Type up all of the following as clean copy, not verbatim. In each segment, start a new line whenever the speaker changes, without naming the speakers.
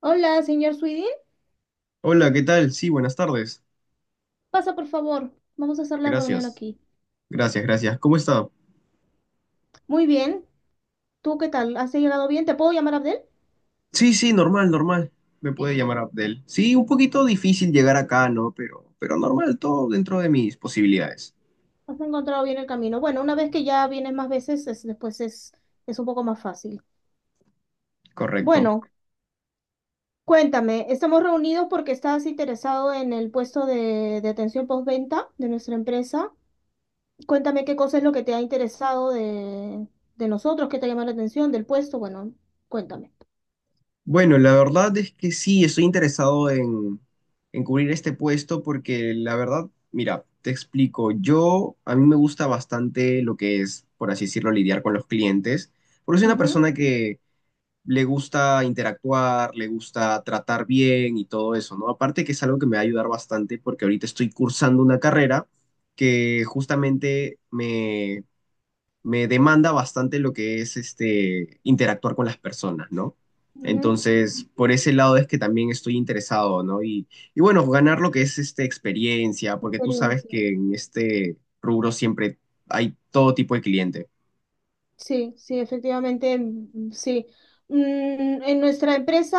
Hola, señor Sweden.
Hola, ¿qué tal? Sí, buenas tardes.
Pasa, por favor. Vamos a hacer la reunión
Gracias,
aquí.
gracias, gracias. ¿Cómo está?
Muy bien. ¿Tú qué tal? ¿Has llegado bien? ¿Te puedo llamar Abdel?
Sí, sí, normal, normal. Me
¿Sí?
puede llamar Abdel. Sí, un poquito difícil llegar acá, ¿no? Pero normal, todo dentro de mis posibilidades.
¿Has encontrado bien el camino? Bueno, una vez que ya vienes más veces, es un poco más fácil.
Correcto.
Bueno, cuéntame. Estamos reunidos porque estás interesado en el puesto de atención postventa de nuestra empresa. Cuéntame qué cosa es lo que te ha interesado de nosotros, qué te ha llamado la atención, del puesto. Bueno, cuéntame.
Bueno, la verdad es que sí, estoy interesado en cubrir este puesto porque la verdad, mira, te explico. Yo, a mí me gusta bastante lo que es, por así decirlo, lidiar con los clientes. Porque soy una
Ujú,
persona le gusta interactuar, le gusta tratar bien y todo eso, ¿no? Aparte que es algo que me va a ayudar bastante porque ahorita estoy cursando una carrera que justamente me demanda bastante lo que es este, interactuar con las personas, ¿no?
ujú.
Entonces, por ese lado es que también estoy interesado, ¿no? Y bueno, ganar lo que es este, experiencia, porque tú sabes
Experiencia.
que en este rubro siempre hay todo tipo de cliente.
Sí, sí, efectivamente, sí. En nuestra empresa,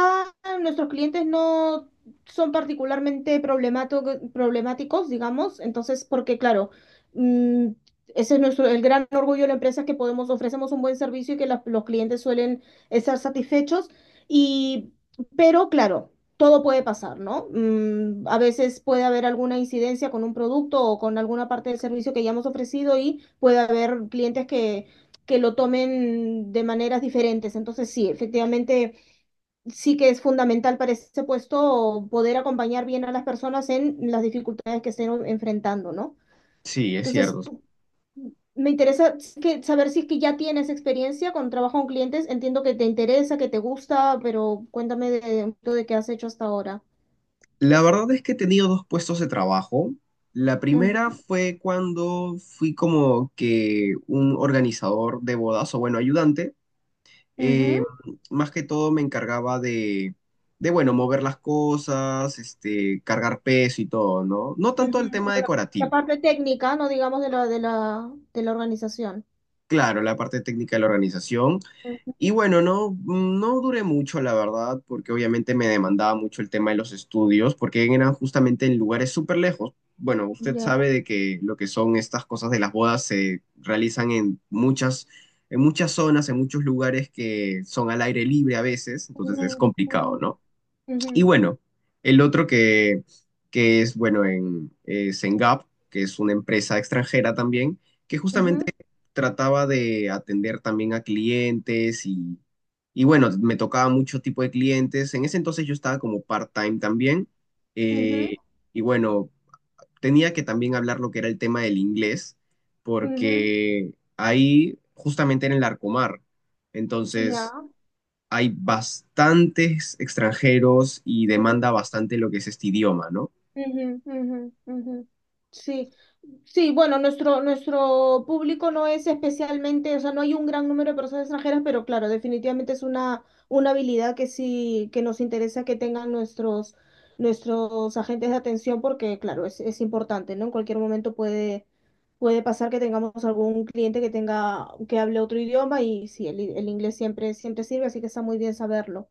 nuestros clientes no son problemáticos, digamos, entonces, porque claro, mm, ese es nuestro, el gran orgullo de la empresa es que podemos, ofrecemos un buen servicio y que los clientes suelen estar satisfechos. Y, pero claro, todo puede pasar, ¿no? A veces puede haber alguna incidencia con un producto o con alguna parte del servicio que ya hemos ofrecido y puede haber clientes que lo tomen de maneras diferentes. Entonces, sí, efectivamente, sí que es fundamental para ese puesto poder acompañar bien a las personas en las dificultades que estén enfrentando, ¿no?
Sí, es
Entonces,
cierto.
me interesa que, saber si es que ya tienes experiencia con trabajo con clientes. Entiendo que te interesa, que te gusta, pero cuéntame de qué has hecho hasta ahora.
La verdad es que he tenido dos puestos de trabajo. La primera
Ujú,
fue cuando fui como que un organizador de bodas, o bueno, ayudante. Eh,
ujú,
más que todo me encargaba de, bueno, mover las cosas, este, cargar peso y todo, ¿no? No tanto el
ujú. Como
tema
la
decorativo.
parte técnica, no digamos de la organización.
Claro, la parte técnica de la organización.
Ujú.
Y bueno, no, no duré mucho, la verdad, porque obviamente me demandaba mucho el tema de los estudios, porque eran justamente en lugares súper lejos. Bueno, usted
Ya.
sabe de que lo que son estas cosas de las bodas se realizan en muchas zonas, en muchos lugares que son al aire libre a veces, entonces
Ujú,
es
ujú,
complicado, ¿no?
ujú,
Y bueno, el otro que es, bueno, en, es en Gap, que es una empresa extranjera también, que justamente
ujú.
trataba de atender también a clientes y bueno, me tocaba mucho tipo de clientes. En ese entonces yo estaba como part-time también.
Ujú,
eh, y bueno, tenía que también hablar lo que era el tema del inglés,
ujú,
porque ahí justamente era en el Arcomar. Entonces
ya.
hay bastantes extranjeros y demanda
Ujú,
bastante lo que es este idioma, ¿no?
ujú, ujú, ujú. Sí, sí, bueno, nuestro, nuestro público no es especialmente, o sea, no hay un gran número de personas extranjeras, pero claro, definitivamente es una habilidad que sí, que nos interesa que tengan nuestros, nuestros agentes de atención, porque claro, es importante, ¿no? En cualquier momento puede, puede pasar que tengamos algún cliente que tenga, que hable otro idioma y sí, el inglés siempre, siempre sirve, así que está muy bien saberlo.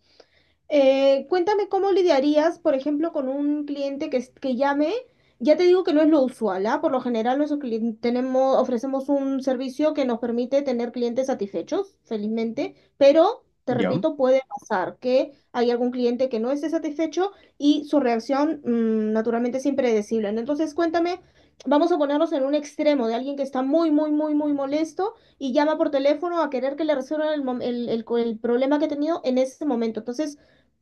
Cuéntame cómo lidiarías, por ejemplo, con un cliente que llame. Ya te digo que no es lo usual, ¿ah? Por lo general, tenemos, ofrecemos un servicio que nos permite tener clientes satisfechos, felizmente, pero te
Ya.
repito, puede pasar que hay algún cliente que no esté satisfecho y su reacción, naturalmente es impredecible, ¿no? Entonces, cuéntame, vamos a ponernos en un extremo de alguien que está muy, muy, muy, muy molesto y llama por teléfono a querer que le resuelvan el, mom- el problema que ha tenido en ese momento. Entonces,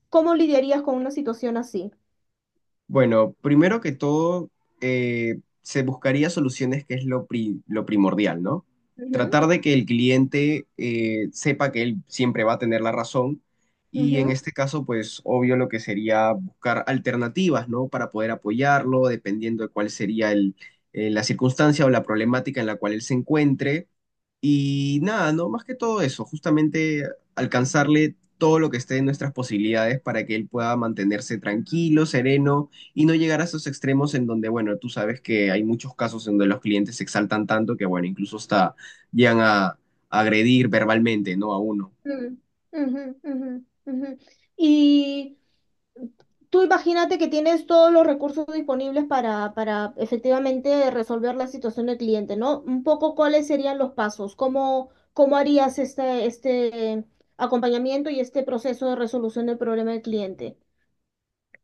¿cómo lidiarías con una situación así?
Bueno, primero que todo, se buscaría soluciones que es lo, lo primordial, ¿no?
Ujú,
Tratar de que el cliente sepa que él siempre va a tener la razón y en
ujú,
este caso, pues obvio lo que sería buscar alternativas, ¿no? Para poder apoyarlo, dependiendo de cuál sería la circunstancia o la problemática en la cual él se encuentre. Y nada, ¿no? Más que todo eso, justamente alcanzarle todo lo que esté en nuestras posibilidades para que él pueda mantenerse tranquilo, sereno y no llegar a esos extremos en donde, bueno, tú sabes que hay muchos casos en donde los clientes se exaltan tanto que, bueno, incluso hasta llegan a agredir verbalmente, ¿no? A uno.
ujú, ujú, ujú, ujú. Y tú imagínate que tienes todos los recursos disponibles para efectivamente resolver la situación del cliente, ¿no? Un poco cuáles serían los pasos, cómo, cómo harías este, este acompañamiento y este proceso de resolución del problema del cliente.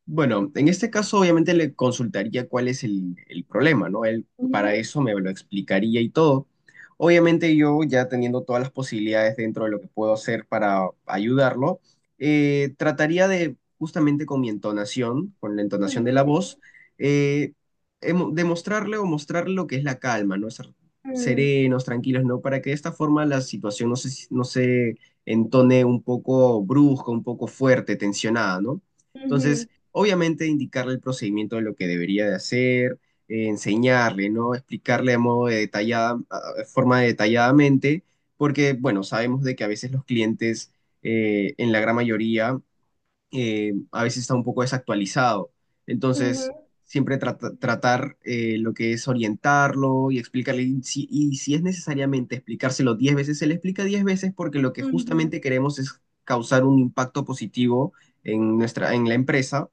Bueno, en este caso obviamente le consultaría cuál es el problema, ¿no? Él para
Ujú,
eso me lo explicaría y todo. Obviamente yo ya teniendo todas las posibilidades dentro de lo que puedo hacer para ayudarlo, trataría de, justamente con mi entonación, con la entonación de la
ujú,
voz, eh, demostrarle o mostrarle lo que es la calma, ¿no? Ser
ujú,
serenos, tranquilos, ¿no? Para que de esta forma la situación no se entone un poco brusca, un poco fuerte, tensionada, ¿no? Entonces...
ujú,
Obviamente indicarle el procedimiento de lo que debería de hacer, enseñarle, ¿no? Explicarle de modo de detallada, de forma detalladamente, porque, bueno, sabemos de que a veces los clientes, en la gran mayoría, a veces está un poco desactualizado.
ujú,
Entonces, siempre tratar lo que es orientarlo y explicarle, y si es necesariamente explicárselo 10 veces, se le explica 10 veces porque lo que
ujú.
justamente queremos es causar un impacto positivo en nuestra, en la empresa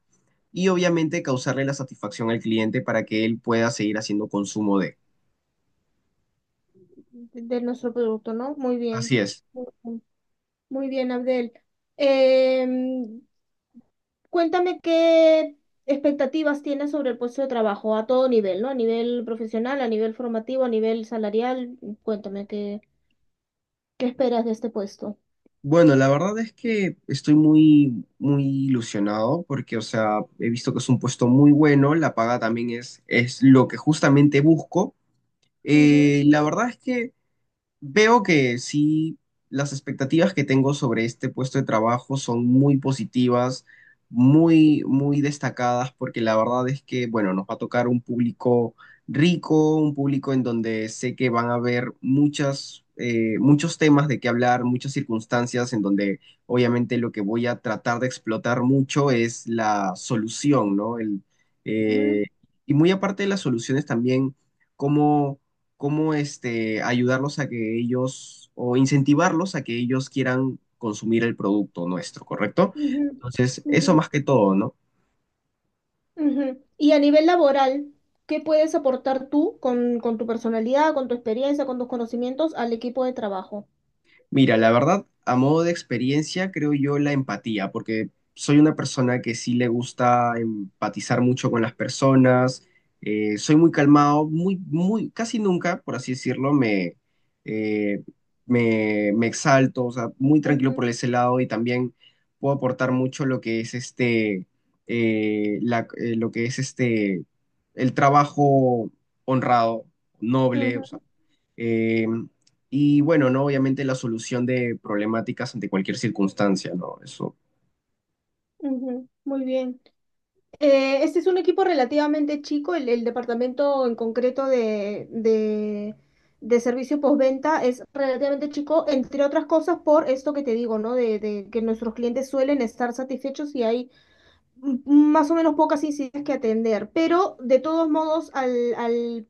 y obviamente causarle la satisfacción al cliente para que él pueda seguir haciendo consumo de.
De nuestro producto, ¿no? Muy bien.
Así es.
Muy bien, Abdel. Em, cuéntame qué expectativas tienes sobre el puesto de trabajo a todo nivel, ¿no? A nivel profesional, a nivel formativo, a nivel salarial. Cuéntame qué, qué esperas de este puesto.
Bueno, la verdad es que estoy muy, muy ilusionado porque, o sea, he visto que es un puesto muy bueno, la paga también es lo que justamente busco.
Ujú,
La verdad es que veo que sí, las expectativas que tengo sobre este puesto de trabajo son muy positivas, muy, muy destacadas, porque la verdad es que, bueno, nos va a tocar un público rico, un público en donde sé que van a haber muchas, muchos temas de qué hablar, muchas circunstancias, en donde obviamente lo que voy a tratar de explotar mucho es la solución, ¿no? Eh,
ujú,
y muy aparte de las soluciones también, cómo cómo este, ayudarlos a que ellos o incentivarlos a que ellos quieran consumir el producto nuestro, ¿correcto?
ujú,
Entonces, eso
ujú,
más que todo, ¿no?
ujú. Y a nivel laboral, ¿qué puedes aportar tú con tu personalidad, con tu experiencia, con tus conocimientos al equipo de trabajo?
Mira, la verdad, a modo de experiencia, creo yo la empatía, porque soy una persona que sí le gusta empatizar mucho con las personas, soy muy calmado, muy, muy, casi nunca, por así decirlo, eh, me exalto, o sea, muy tranquilo
Ujú,
por ese lado y también puedo aportar mucho lo que es este, lo que es este, el trabajo honrado, noble, o sea.
ujú,
em, y bueno, ¿no? Obviamente la solución de problemáticas ante cualquier circunstancia, ¿no? Eso,
ujú. Muy bien. Este es un equipo relativamente chico, el departamento en concreto de servicio postventa es relativamente chico, entre otras cosas por esto que te digo, ¿no? De que nuestros clientes suelen estar satisfechos y hay más o menos pocas incidencias que atender, pero de todos modos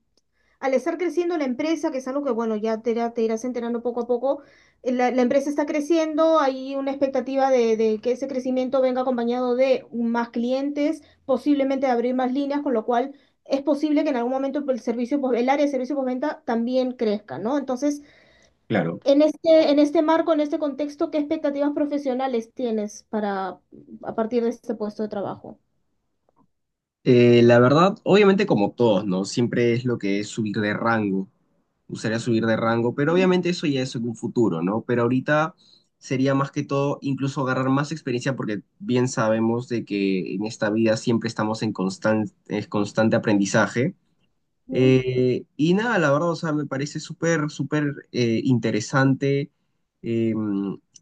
al estar creciendo la empresa, que es algo que, bueno, te irás enterando poco a poco, la empresa está creciendo, hay una expectativa de que ese crecimiento venga acompañado de más clientes, posiblemente de abrir más líneas, con lo cual es posible que en algún momento pues, el área de servicio postventa también crezca, ¿no? Entonces,
claro.
en este marco, en este contexto, ¿qué expectativas profesionales tienes para, a partir de este puesto de trabajo?
La verdad, obviamente como todos, ¿no? Siempre es lo que es subir de rango. Gustaría subir de rango, pero obviamente eso ya es en un futuro, ¿no? Pero ahorita sería más que todo incluso agarrar más experiencia porque bien sabemos de que en esta vida siempre estamos en en constante aprendizaje.
Ujú,
Y nada, la verdad, o sea, me parece súper, súper interesante. Eh,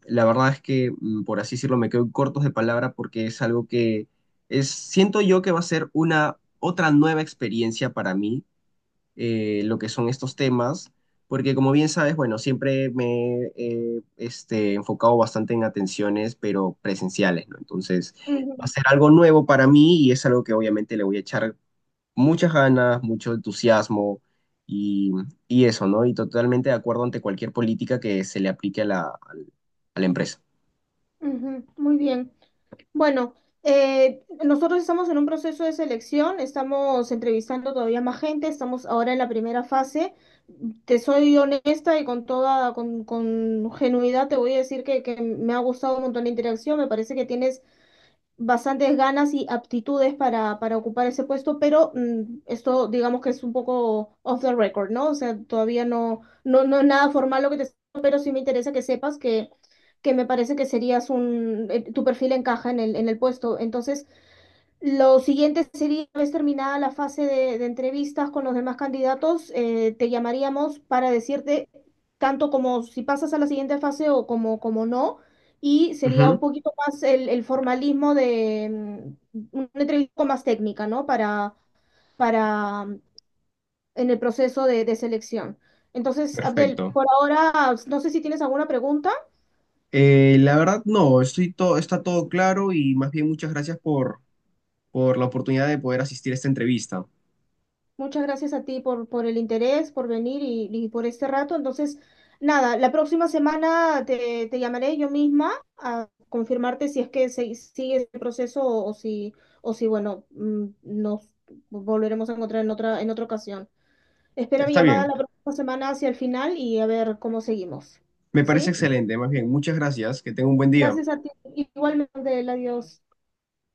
la verdad es que, por así decirlo, me quedo cortos de palabra porque es algo que es, siento yo que va a ser una otra nueva experiencia para mí, lo que son estos temas, porque como bien sabes, bueno, siempre me he este, enfocado bastante en atenciones, pero presenciales, ¿no? Entonces, va a
ujú,
ser algo nuevo para mí y es algo que obviamente le voy a echar muchas ganas, mucho entusiasmo y, y eso, ¿no? Y totalmente de acuerdo ante cualquier política que se le aplique a la empresa.
ujú. Muy bien. Bueno, nosotros estamos en un proceso de selección, estamos entrevistando todavía más gente, estamos ahora en la primera fase. Te soy honesta y con toda, con genuidad te voy a decir que me ha gustado un montón la interacción, me parece que tienes bastantes ganas y aptitudes para ocupar ese puesto, pero esto digamos que es un poco off the record, ¿no? O sea, todavía no, no, no es nada formal lo que te estoy diciendo, pero sí me interesa que sepas que me parece que serías un, tu perfil encaja en en el puesto. Entonces, lo siguiente sería, una vez terminada la fase de entrevistas con los demás candidatos, te llamaríamos para decirte tanto como si pasas a la siguiente fase o como, como no, y sería un
Ujú,
poquito más el formalismo de una entrevista más técnica, ¿no? Para en el proceso de selección. Entonces, Abdel,
perfecto.
por ahora, no sé si tienes alguna pregunta.
La verdad, no, estoy todo, está todo claro y más bien muchas gracias por la oportunidad de poder asistir a esta entrevista.
Muchas gracias a ti por el interés, por venir y por este rato. Entonces, nada, la próxima semana te, te llamaré yo misma a confirmarte si es que se, sigue el proceso o si, bueno, nos volveremos a encontrar en otra ocasión. Espera mi
Está
llamada
bien,
la próxima semana hacia el final y a ver cómo seguimos.
me parece
¿Sí?
excelente, más bien, muchas gracias, que tenga un buen día.
Gracias a ti. Igualmente, adiós.